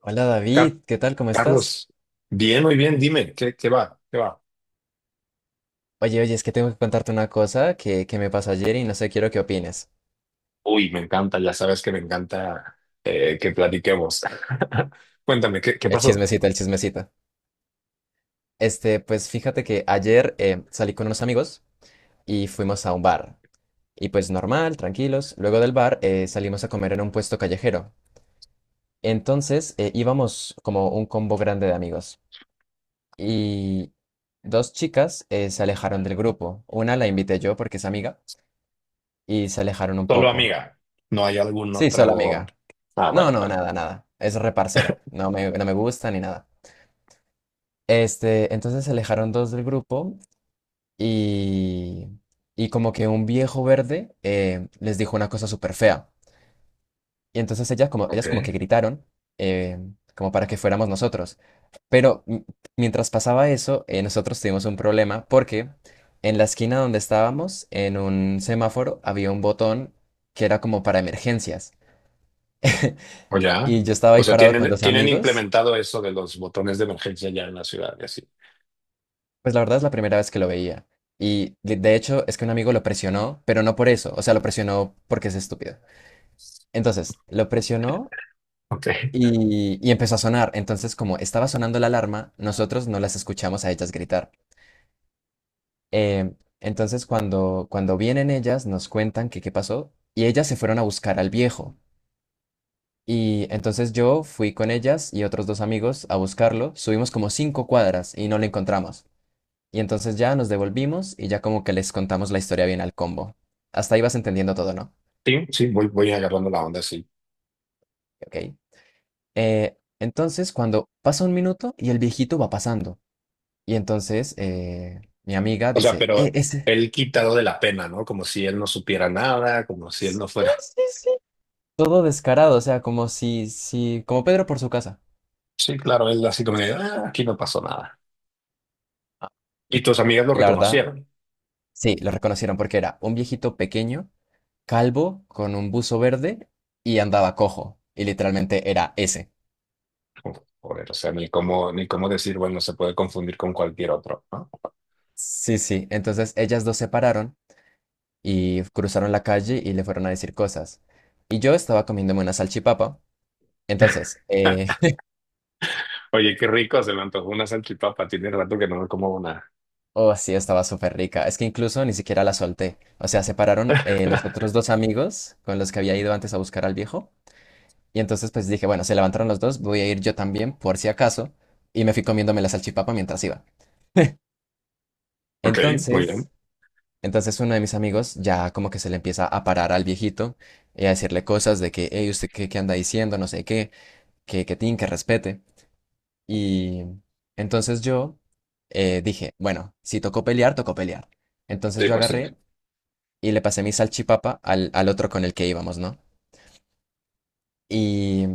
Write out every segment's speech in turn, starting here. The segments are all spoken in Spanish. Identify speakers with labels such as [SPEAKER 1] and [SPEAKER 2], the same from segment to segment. [SPEAKER 1] Hola
[SPEAKER 2] Ca-
[SPEAKER 1] David, ¿qué tal? ¿Cómo estás?
[SPEAKER 2] Carlos, bien, muy bien, dime, ¿qué va? ¿Qué va?
[SPEAKER 1] Oye, oye, es que tengo que contarte una cosa que me pasó ayer y no sé, quiero que opines.
[SPEAKER 2] Uy, me encanta, ya sabes que me encanta, que platiquemos. Cuéntame, ¿qué
[SPEAKER 1] El
[SPEAKER 2] pasó?
[SPEAKER 1] chismecito, el chismecito. Este, pues fíjate que ayer salí con unos amigos y fuimos a un bar. Y pues normal, tranquilos. Luego del bar salimos a comer en un puesto callejero. Entonces íbamos como un combo grande de amigos. Y dos chicas se alejaron del grupo. Una la invité yo porque es amiga y se alejaron un
[SPEAKER 2] Solo
[SPEAKER 1] poco.
[SPEAKER 2] amiga, ¿no hay algún
[SPEAKER 1] Sí, solo
[SPEAKER 2] otro?
[SPEAKER 1] amiga.
[SPEAKER 2] Ah,
[SPEAKER 1] No,
[SPEAKER 2] bueno,
[SPEAKER 1] no,
[SPEAKER 2] bueno,
[SPEAKER 1] nada, nada. Es reparcera. No me gusta ni nada. Este, entonces se alejaron dos del grupo y, y como que un viejo verde les dijo una cosa súper fea. Y entonces ellas como que
[SPEAKER 2] ok.
[SPEAKER 1] gritaron eh, como para que fuéramos nosotros. Pero mientras pasaba eso, nosotros tuvimos un problema porque en la esquina donde estábamos, en un semáforo, había un botón que era como para emergencias.
[SPEAKER 2] ¿O ya?
[SPEAKER 1] Y yo estaba
[SPEAKER 2] O
[SPEAKER 1] ahí
[SPEAKER 2] sea,
[SPEAKER 1] parado con
[SPEAKER 2] tienen,
[SPEAKER 1] dos
[SPEAKER 2] tienen
[SPEAKER 1] amigos.
[SPEAKER 2] implementado eso de los botones de emergencia ya en la ciudad y así.
[SPEAKER 1] Pues la verdad es la primera vez que lo veía. Y de hecho es que un amigo lo presionó, pero no por eso. O sea, lo presionó porque es estúpido. Entonces, lo presionó
[SPEAKER 2] Ok.
[SPEAKER 1] y empezó a sonar. Entonces, como estaba sonando la alarma, nosotros no las escuchamos a ellas gritar. Eh, entonces, cuando vienen ellas, nos cuentan que qué pasó y ellas se fueron a buscar al viejo. Y entonces yo fui con ellas y otros dos amigos a buscarlo. Subimos como 5 cuadras y no lo encontramos. Y entonces ya nos devolvimos y ya como que les contamos la historia bien al combo. Hasta ahí vas entendiendo todo, ¿no?
[SPEAKER 2] Sí, sí, voy agarrando la onda, sí.
[SPEAKER 1] Ok. Entonces, cuando pasa un minuto y el viejito va pasando. Y entonces mi amiga
[SPEAKER 2] O sea,
[SPEAKER 1] dice,
[SPEAKER 2] pero
[SPEAKER 1] ese...
[SPEAKER 2] él quitado de la pena, ¿no? Como si él no supiera nada, como si él
[SPEAKER 1] Sí,
[SPEAKER 2] no fuera.
[SPEAKER 1] sí, sí. Todo descarado, o sea, como si, como Pedro por su casa.
[SPEAKER 2] Sí, claro, él así como de, "Ah, aquí no pasó nada.
[SPEAKER 1] Ah,
[SPEAKER 2] Y tus amigas lo
[SPEAKER 1] y la verdad,
[SPEAKER 2] reconocieron.
[SPEAKER 1] sí, lo reconocieron porque era un viejito pequeño, calvo, con un buzo verde y andaba cojo. Y literalmente era ese.
[SPEAKER 2] Uf, joder, o sea, ni cómo decir, bueno, se puede confundir con cualquier otro, ¿no?
[SPEAKER 1] Sí, sí. Entonces ellas dos se pararon y cruzaron la calle y le fueron a decir cosas. Y yo estaba comiéndome una salchipapa. Entonces,
[SPEAKER 2] Oye, qué rico, se me antojó una salchipapa. Tiene rato que no me como una.
[SPEAKER 1] oh, sí, estaba súper rica. Es que incluso ni siquiera la solté. O sea, separaron los otros dos amigos con los que había ido antes a buscar al viejo. Y entonces, pues dije, bueno, se levantaron los dos, voy a ir yo también, por si acaso. Y me fui comiéndome la salchipapa mientras iba.
[SPEAKER 2] Ok, muy
[SPEAKER 1] Entonces,
[SPEAKER 2] bien.
[SPEAKER 1] entonces, uno de mis amigos ya como que se le empieza a parar al viejito y a decirle cosas de que, hey, ¿usted qué anda diciendo? No sé qué, que tin, que respete. Y entonces yo dije, bueno, si tocó pelear, tocó pelear. Entonces
[SPEAKER 2] Sí,
[SPEAKER 1] yo
[SPEAKER 2] pues sí.
[SPEAKER 1] agarré y le pasé mi salchipapa al, al otro con el que íbamos, ¿no? Y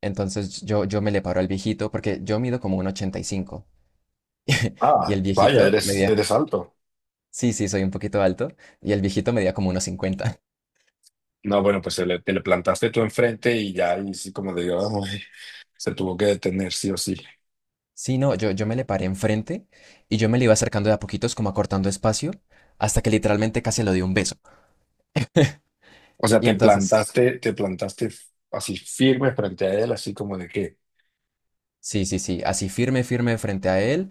[SPEAKER 1] entonces yo me le paro al viejito porque yo mido como un ochenta y cinco y
[SPEAKER 2] Ah,
[SPEAKER 1] el
[SPEAKER 2] vaya,
[SPEAKER 1] viejito
[SPEAKER 2] eres,
[SPEAKER 1] medía,
[SPEAKER 2] eres alto.
[SPEAKER 1] sí, sí, soy un poquito alto. Y el viejito medía como unos cincuenta.
[SPEAKER 2] No, bueno, pues te le plantaste tú enfrente y ya, y sí, como digo, ay, se tuvo que detener, sí o sí.
[SPEAKER 1] Sí, no, yo me le paré enfrente y yo me le iba acercando de a poquitos, como acortando espacio, hasta que literalmente casi le di un beso.
[SPEAKER 2] O sea,
[SPEAKER 1] Y
[SPEAKER 2] te
[SPEAKER 1] entonces,
[SPEAKER 2] plantaste, te plantaste así firme frente a él, así como de qué.
[SPEAKER 1] sí, sí, sí, así firme, firme frente a él,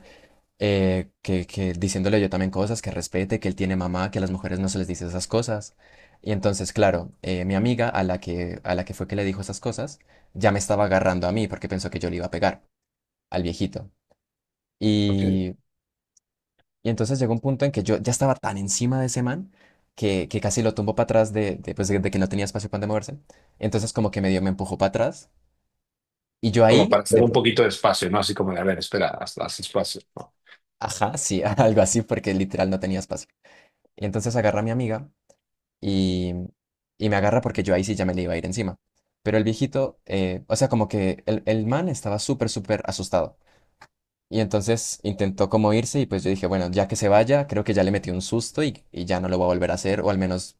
[SPEAKER 1] que diciéndole yo también cosas, que respete, que él tiene mamá, que a las mujeres no se les dice esas cosas. Y entonces, claro, mi amiga a la que fue que le dijo esas cosas, ya me estaba agarrando a mí porque pensó que yo le iba a pegar al viejito.
[SPEAKER 2] Ok.
[SPEAKER 1] Y, y entonces llegó un punto en que yo ya estaba tan encima de ese man que casi lo tumbó para atrás pues, de que no tenía espacio para donde moverse. Entonces como que medio me empujó para atrás. Y yo
[SPEAKER 2] Como para
[SPEAKER 1] ahí,
[SPEAKER 2] hacer un poquito de espacio, ¿no? Así como de, a ver, espera, haz espacio, ¿no?
[SPEAKER 1] ajá, sí, algo así, porque literal no tenía espacio. Y entonces agarra a mi amiga y, y me agarra porque yo ahí sí ya me le iba a ir encima. Pero el viejito, o sea, como que el man estaba súper, súper asustado. Y entonces intentó como irse y pues yo dije, bueno, ya que se vaya, creo que ya le metí un susto y ya no lo voy a volver a hacer, o al menos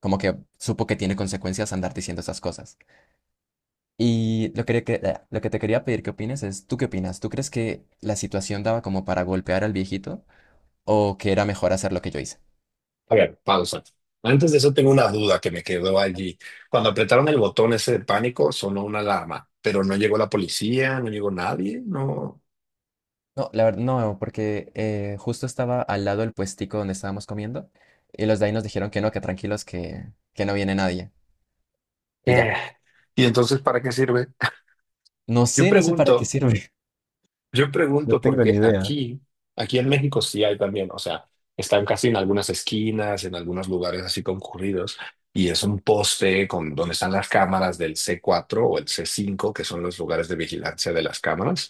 [SPEAKER 1] como que supo que tiene consecuencias andar diciendo esas cosas. Y lo que lo que te quería pedir que opines es, ¿tú qué opinas? ¿Tú crees que la situación daba como para golpear al viejito o que era mejor hacer lo que yo hice?
[SPEAKER 2] A ver, pausa. Antes de eso tengo una duda que me quedó allí. Cuando apretaron el botón ese de pánico, sonó una alarma, pero no llegó la policía, no llegó nadie, no.
[SPEAKER 1] No, la verdad, no, porque justo estaba al lado del puestico donde estábamos comiendo y los de ahí nos dijeron que no, que tranquilos, que no viene nadie. Y
[SPEAKER 2] Eh.
[SPEAKER 1] ya.
[SPEAKER 2] ¿Y entonces para qué sirve?
[SPEAKER 1] No
[SPEAKER 2] Yo
[SPEAKER 1] sé, no sé para qué
[SPEAKER 2] pregunto,
[SPEAKER 1] sirve.
[SPEAKER 2] Yo
[SPEAKER 1] No
[SPEAKER 2] pregunto
[SPEAKER 1] tengo
[SPEAKER 2] porque
[SPEAKER 1] ni idea.
[SPEAKER 2] aquí en México sí hay también, o sea, están casi en algunas esquinas, en algunos lugares así concurridos, y es un poste con donde están las cámaras del C4 o el C5, que son los lugares de vigilancia de las cámaras,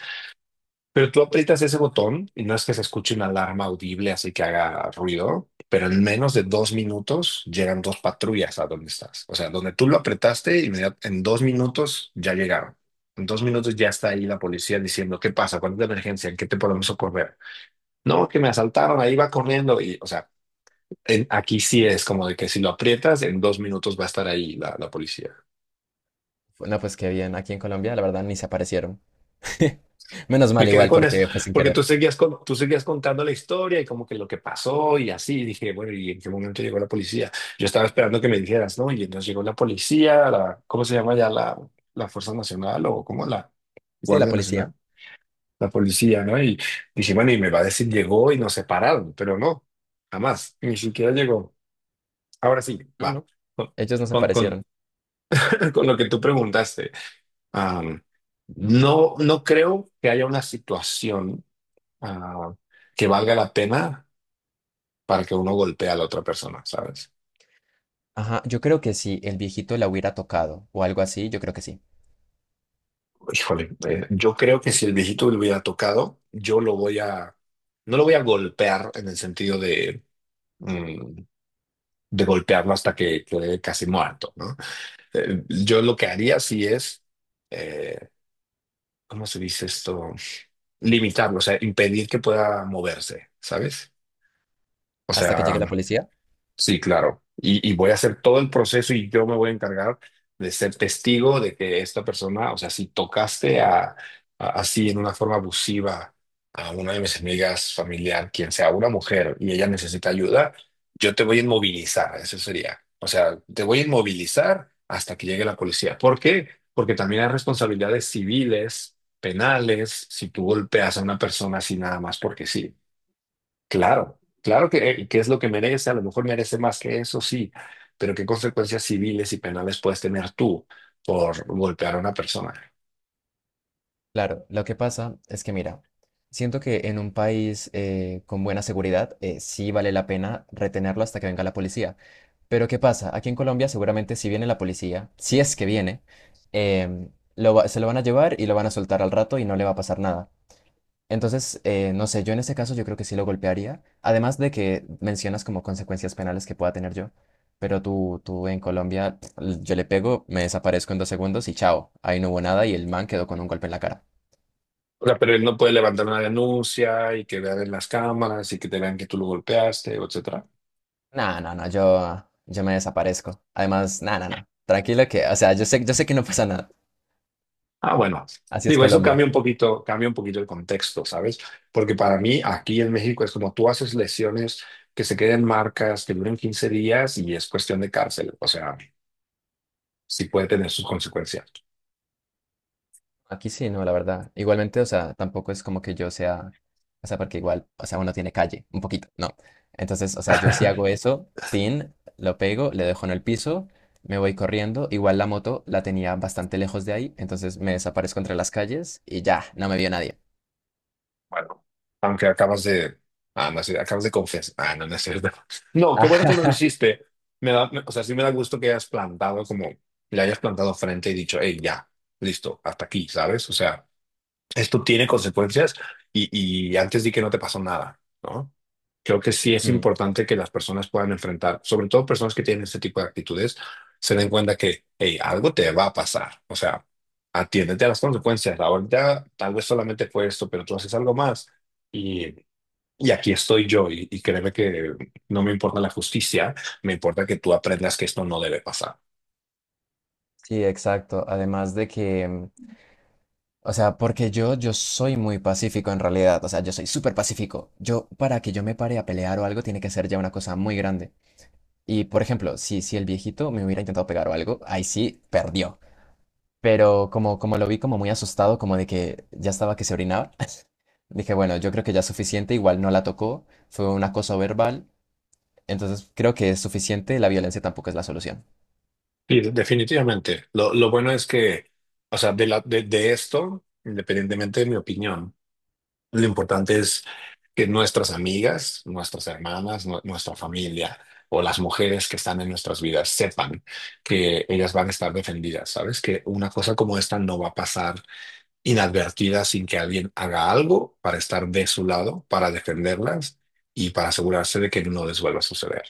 [SPEAKER 2] pero tú aprietas ese botón y no es que se escuche una alarma audible así que haga ruido, pero en menos de 2 minutos llegan dos patrullas a donde estás. O sea, donde tú lo apretaste, en 2 minutos ya llegaron. En 2 minutos ya está ahí la policía diciendo, ¿qué pasa? ¿Cuál es la emergencia? ¿En qué te podemos socorrer? No, que me asaltaron, ahí va corriendo. Y, o sea, aquí sí es como de que si lo aprietas, en 2 minutos va a estar ahí la policía.
[SPEAKER 1] No, pues qué bien, aquí en Colombia la verdad ni se aparecieron. Menos mal
[SPEAKER 2] Me quedé
[SPEAKER 1] igual
[SPEAKER 2] con esto,
[SPEAKER 1] porque fue sin
[SPEAKER 2] porque
[SPEAKER 1] querer.
[SPEAKER 2] tú seguías, tú seguías contando la historia y como que lo que pasó y así. Y dije, bueno, ¿y en qué momento llegó la policía? Yo estaba esperando que me dijeras, ¿no? Y entonces llegó la policía, la, ¿cómo se llama ya? La, la Fuerza Nacional o cómo la
[SPEAKER 1] Sí, la
[SPEAKER 2] Guardia
[SPEAKER 1] policía.
[SPEAKER 2] Nacional, la policía, ¿no? Y dije, bueno, y me va a decir, llegó y nos separaron, pero no, jamás, ni siquiera llegó. Ahora sí,
[SPEAKER 1] No,
[SPEAKER 2] va,
[SPEAKER 1] no. Ellos no se
[SPEAKER 2] con, con, con-
[SPEAKER 1] aparecieron.
[SPEAKER 2] con lo que tú preguntaste. Am, no, no creo que haya una situación ah, que valga la pena para que uno golpee a la otra persona, ¿sabes?
[SPEAKER 1] Ajá, yo creo que si el viejito la hubiera tocado o algo así, yo creo que sí.
[SPEAKER 2] Híjole, yo creo que si el viejito le hubiera tocado, yo lo voy a, no lo voy a golpear en el sentido de, mm, de golpearlo hasta que quede casi muerto, ¿no? Yo lo que haría sí es, eh, ¿cómo se dice esto? Limitarlo, o sea, impedir que pueda moverse, ¿sabes? O
[SPEAKER 1] Hasta que llegue
[SPEAKER 2] sea,
[SPEAKER 1] la policía.
[SPEAKER 2] sí, claro. Y voy a hacer todo el proceso y yo me voy a encargar de ser testigo de que esta persona, o sea, si tocaste a, así en una forma abusiva a una de mis amigas familiar, quien sea una mujer y ella necesita ayuda, yo te voy a inmovilizar, eso sería. O sea, te voy a inmovilizar hasta que llegue la policía. ¿Por qué? Porque también hay responsabilidades civiles, penales, si tú golpeas a una persona así nada más porque sí. Claro, claro que es lo que merece, a lo mejor merece más que eso, sí, pero ¿qué consecuencias civiles y penales puedes tener tú por golpear a una persona?
[SPEAKER 1] Claro, lo que pasa es que mira, siento que en un país con buena seguridad sí vale la pena retenerlo hasta que venga la policía. Pero ¿qué pasa? Aquí en Colombia seguramente si viene la policía, si es que viene, em, se lo van a llevar y lo van a soltar al rato y no le va a pasar nada. Entonces, no sé, yo en ese caso yo creo que sí lo golpearía, además de que mencionas como consecuencias penales que pueda tener yo, pero tú en Colombia, yo le pego, me desaparezco en 2 segundos y chao, ahí no hubo nada y el man quedó con un golpe en la cara.
[SPEAKER 2] O sea, pero él no puede levantar una denuncia y que vean en las cámaras y que te vean que tú lo golpeaste, etcétera.
[SPEAKER 1] No, no, no, yo me desaparezco. Además, no, no, no, tranquilo que, o sea, yo sé que no pasa nada.
[SPEAKER 2] Ah, bueno,
[SPEAKER 1] Así es
[SPEAKER 2] digo, eso
[SPEAKER 1] Colombia.
[SPEAKER 2] cambia un poquito el contexto, ¿sabes? Porque para mí aquí en México es como tú haces lesiones que se queden marcas, que duren 15 días y es cuestión de cárcel, o sea, sí puede tener sus consecuencias.
[SPEAKER 1] Aquí sí, no, la verdad. Igualmente, o sea, tampoco es como que yo sea, o sea, porque igual, o sea, uno tiene calle, un poquito, ¿no? Entonces, o sea, yo sí hago eso, tin, lo pego, le dejo en el piso, me voy corriendo. Igual la moto la tenía bastante lejos de ahí, entonces me desaparezco entre las calles y ya, no me vio nadie.
[SPEAKER 2] Bueno, aunque acabas de. Ah, no, sí, acabas de confesar. Ah, no, no es cierto. No, qué bueno que
[SPEAKER 1] Ah,
[SPEAKER 2] no lo hiciste. O sea, sí me da gusto que hayas plantado como. Le hayas plantado frente y dicho, hey, ya, listo, hasta aquí, ¿sabes? O sea, esto tiene consecuencias y antes di que no te pasó nada, ¿no? Creo que sí es
[SPEAKER 1] mm,
[SPEAKER 2] importante que las personas puedan enfrentar, sobre todo personas que tienen este tipo de actitudes, se den cuenta que, hey, algo te va a pasar. O sea, atiéndete a las consecuencias. Ahorita tal vez solamente fue esto, pero tú haces algo más y, y aquí estoy yo. Y créeme que no me importa la justicia, me importa que tú aprendas que esto no debe pasar.
[SPEAKER 1] sí, exacto. Además de que, o sea, porque yo soy muy pacífico en realidad, o sea, yo, soy súper pacífico. Yo, para que yo me pare a pelear o algo, tiene que ser ya una cosa muy grande. Y por ejemplo, si el viejito me hubiera intentado pegar o algo, ahí sí perdió. Pero como lo vi como muy asustado, como de que ya estaba que se orinaba, dije, bueno, yo creo que ya es suficiente, igual no la tocó, fue un acoso verbal, entonces creo que es suficiente, la violencia tampoco es la solución.
[SPEAKER 2] Sí, definitivamente. Lo bueno es que, o sea, de esto, independientemente de mi opinión, lo importante es que nuestras amigas, nuestras hermanas, nuestra familia o las mujeres que están en nuestras vidas sepan que ellas van a estar defendidas, ¿sabes? Que una cosa como esta no va a pasar inadvertida sin que alguien haga algo para estar de su lado, para defenderlas y para asegurarse de que no les vuelva a suceder.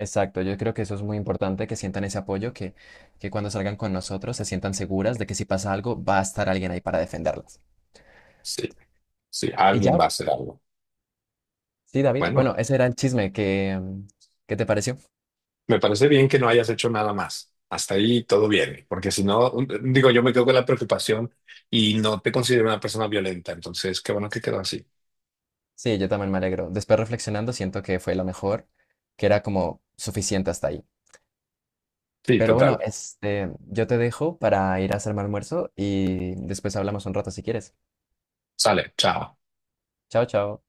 [SPEAKER 1] Exacto, yo creo que eso es muy importante, que sientan ese apoyo, que cuando salgan con nosotros se sientan seguras de que si pasa algo va a estar alguien ahí para defenderlas.
[SPEAKER 2] Sí, sí,
[SPEAKER 1] Y
[SPEAKER 2] alguien va
[SPEAKER 1] ya,
[SPEAKER 2] a hacer algo.
[SPEAKER 1] sí, David, bueno,
[SPEAKER 2] Bueno.
[SPEAKER 1] ese era el chisme que. ¿Qué te pareció?
[SPEAKER 2] Me parece bien que no hayas hecho nada más. Hasta ahí todo bien, porque si no, digo, yo me quedo con la preocupación y no te considero una persona violenta, entonces qué bueno que quedó así.
[SPEAKER 1] Sí, yo también me alegro. Después reflexionando, siento que fue lo mejor, que era como suficiente hasta ahí.
[SPEAKER 2] Sí,
[SPEAKER 1] Pero
[SPEAKER 2] total.
[SPEAKER 1] bueno, este, yo te dejo para ir a hacerme almuerzo y después hablamos un rato si quieres.
[SPEAKER 2] Sale, chao.
[SPEAKER 1] Chao, chao.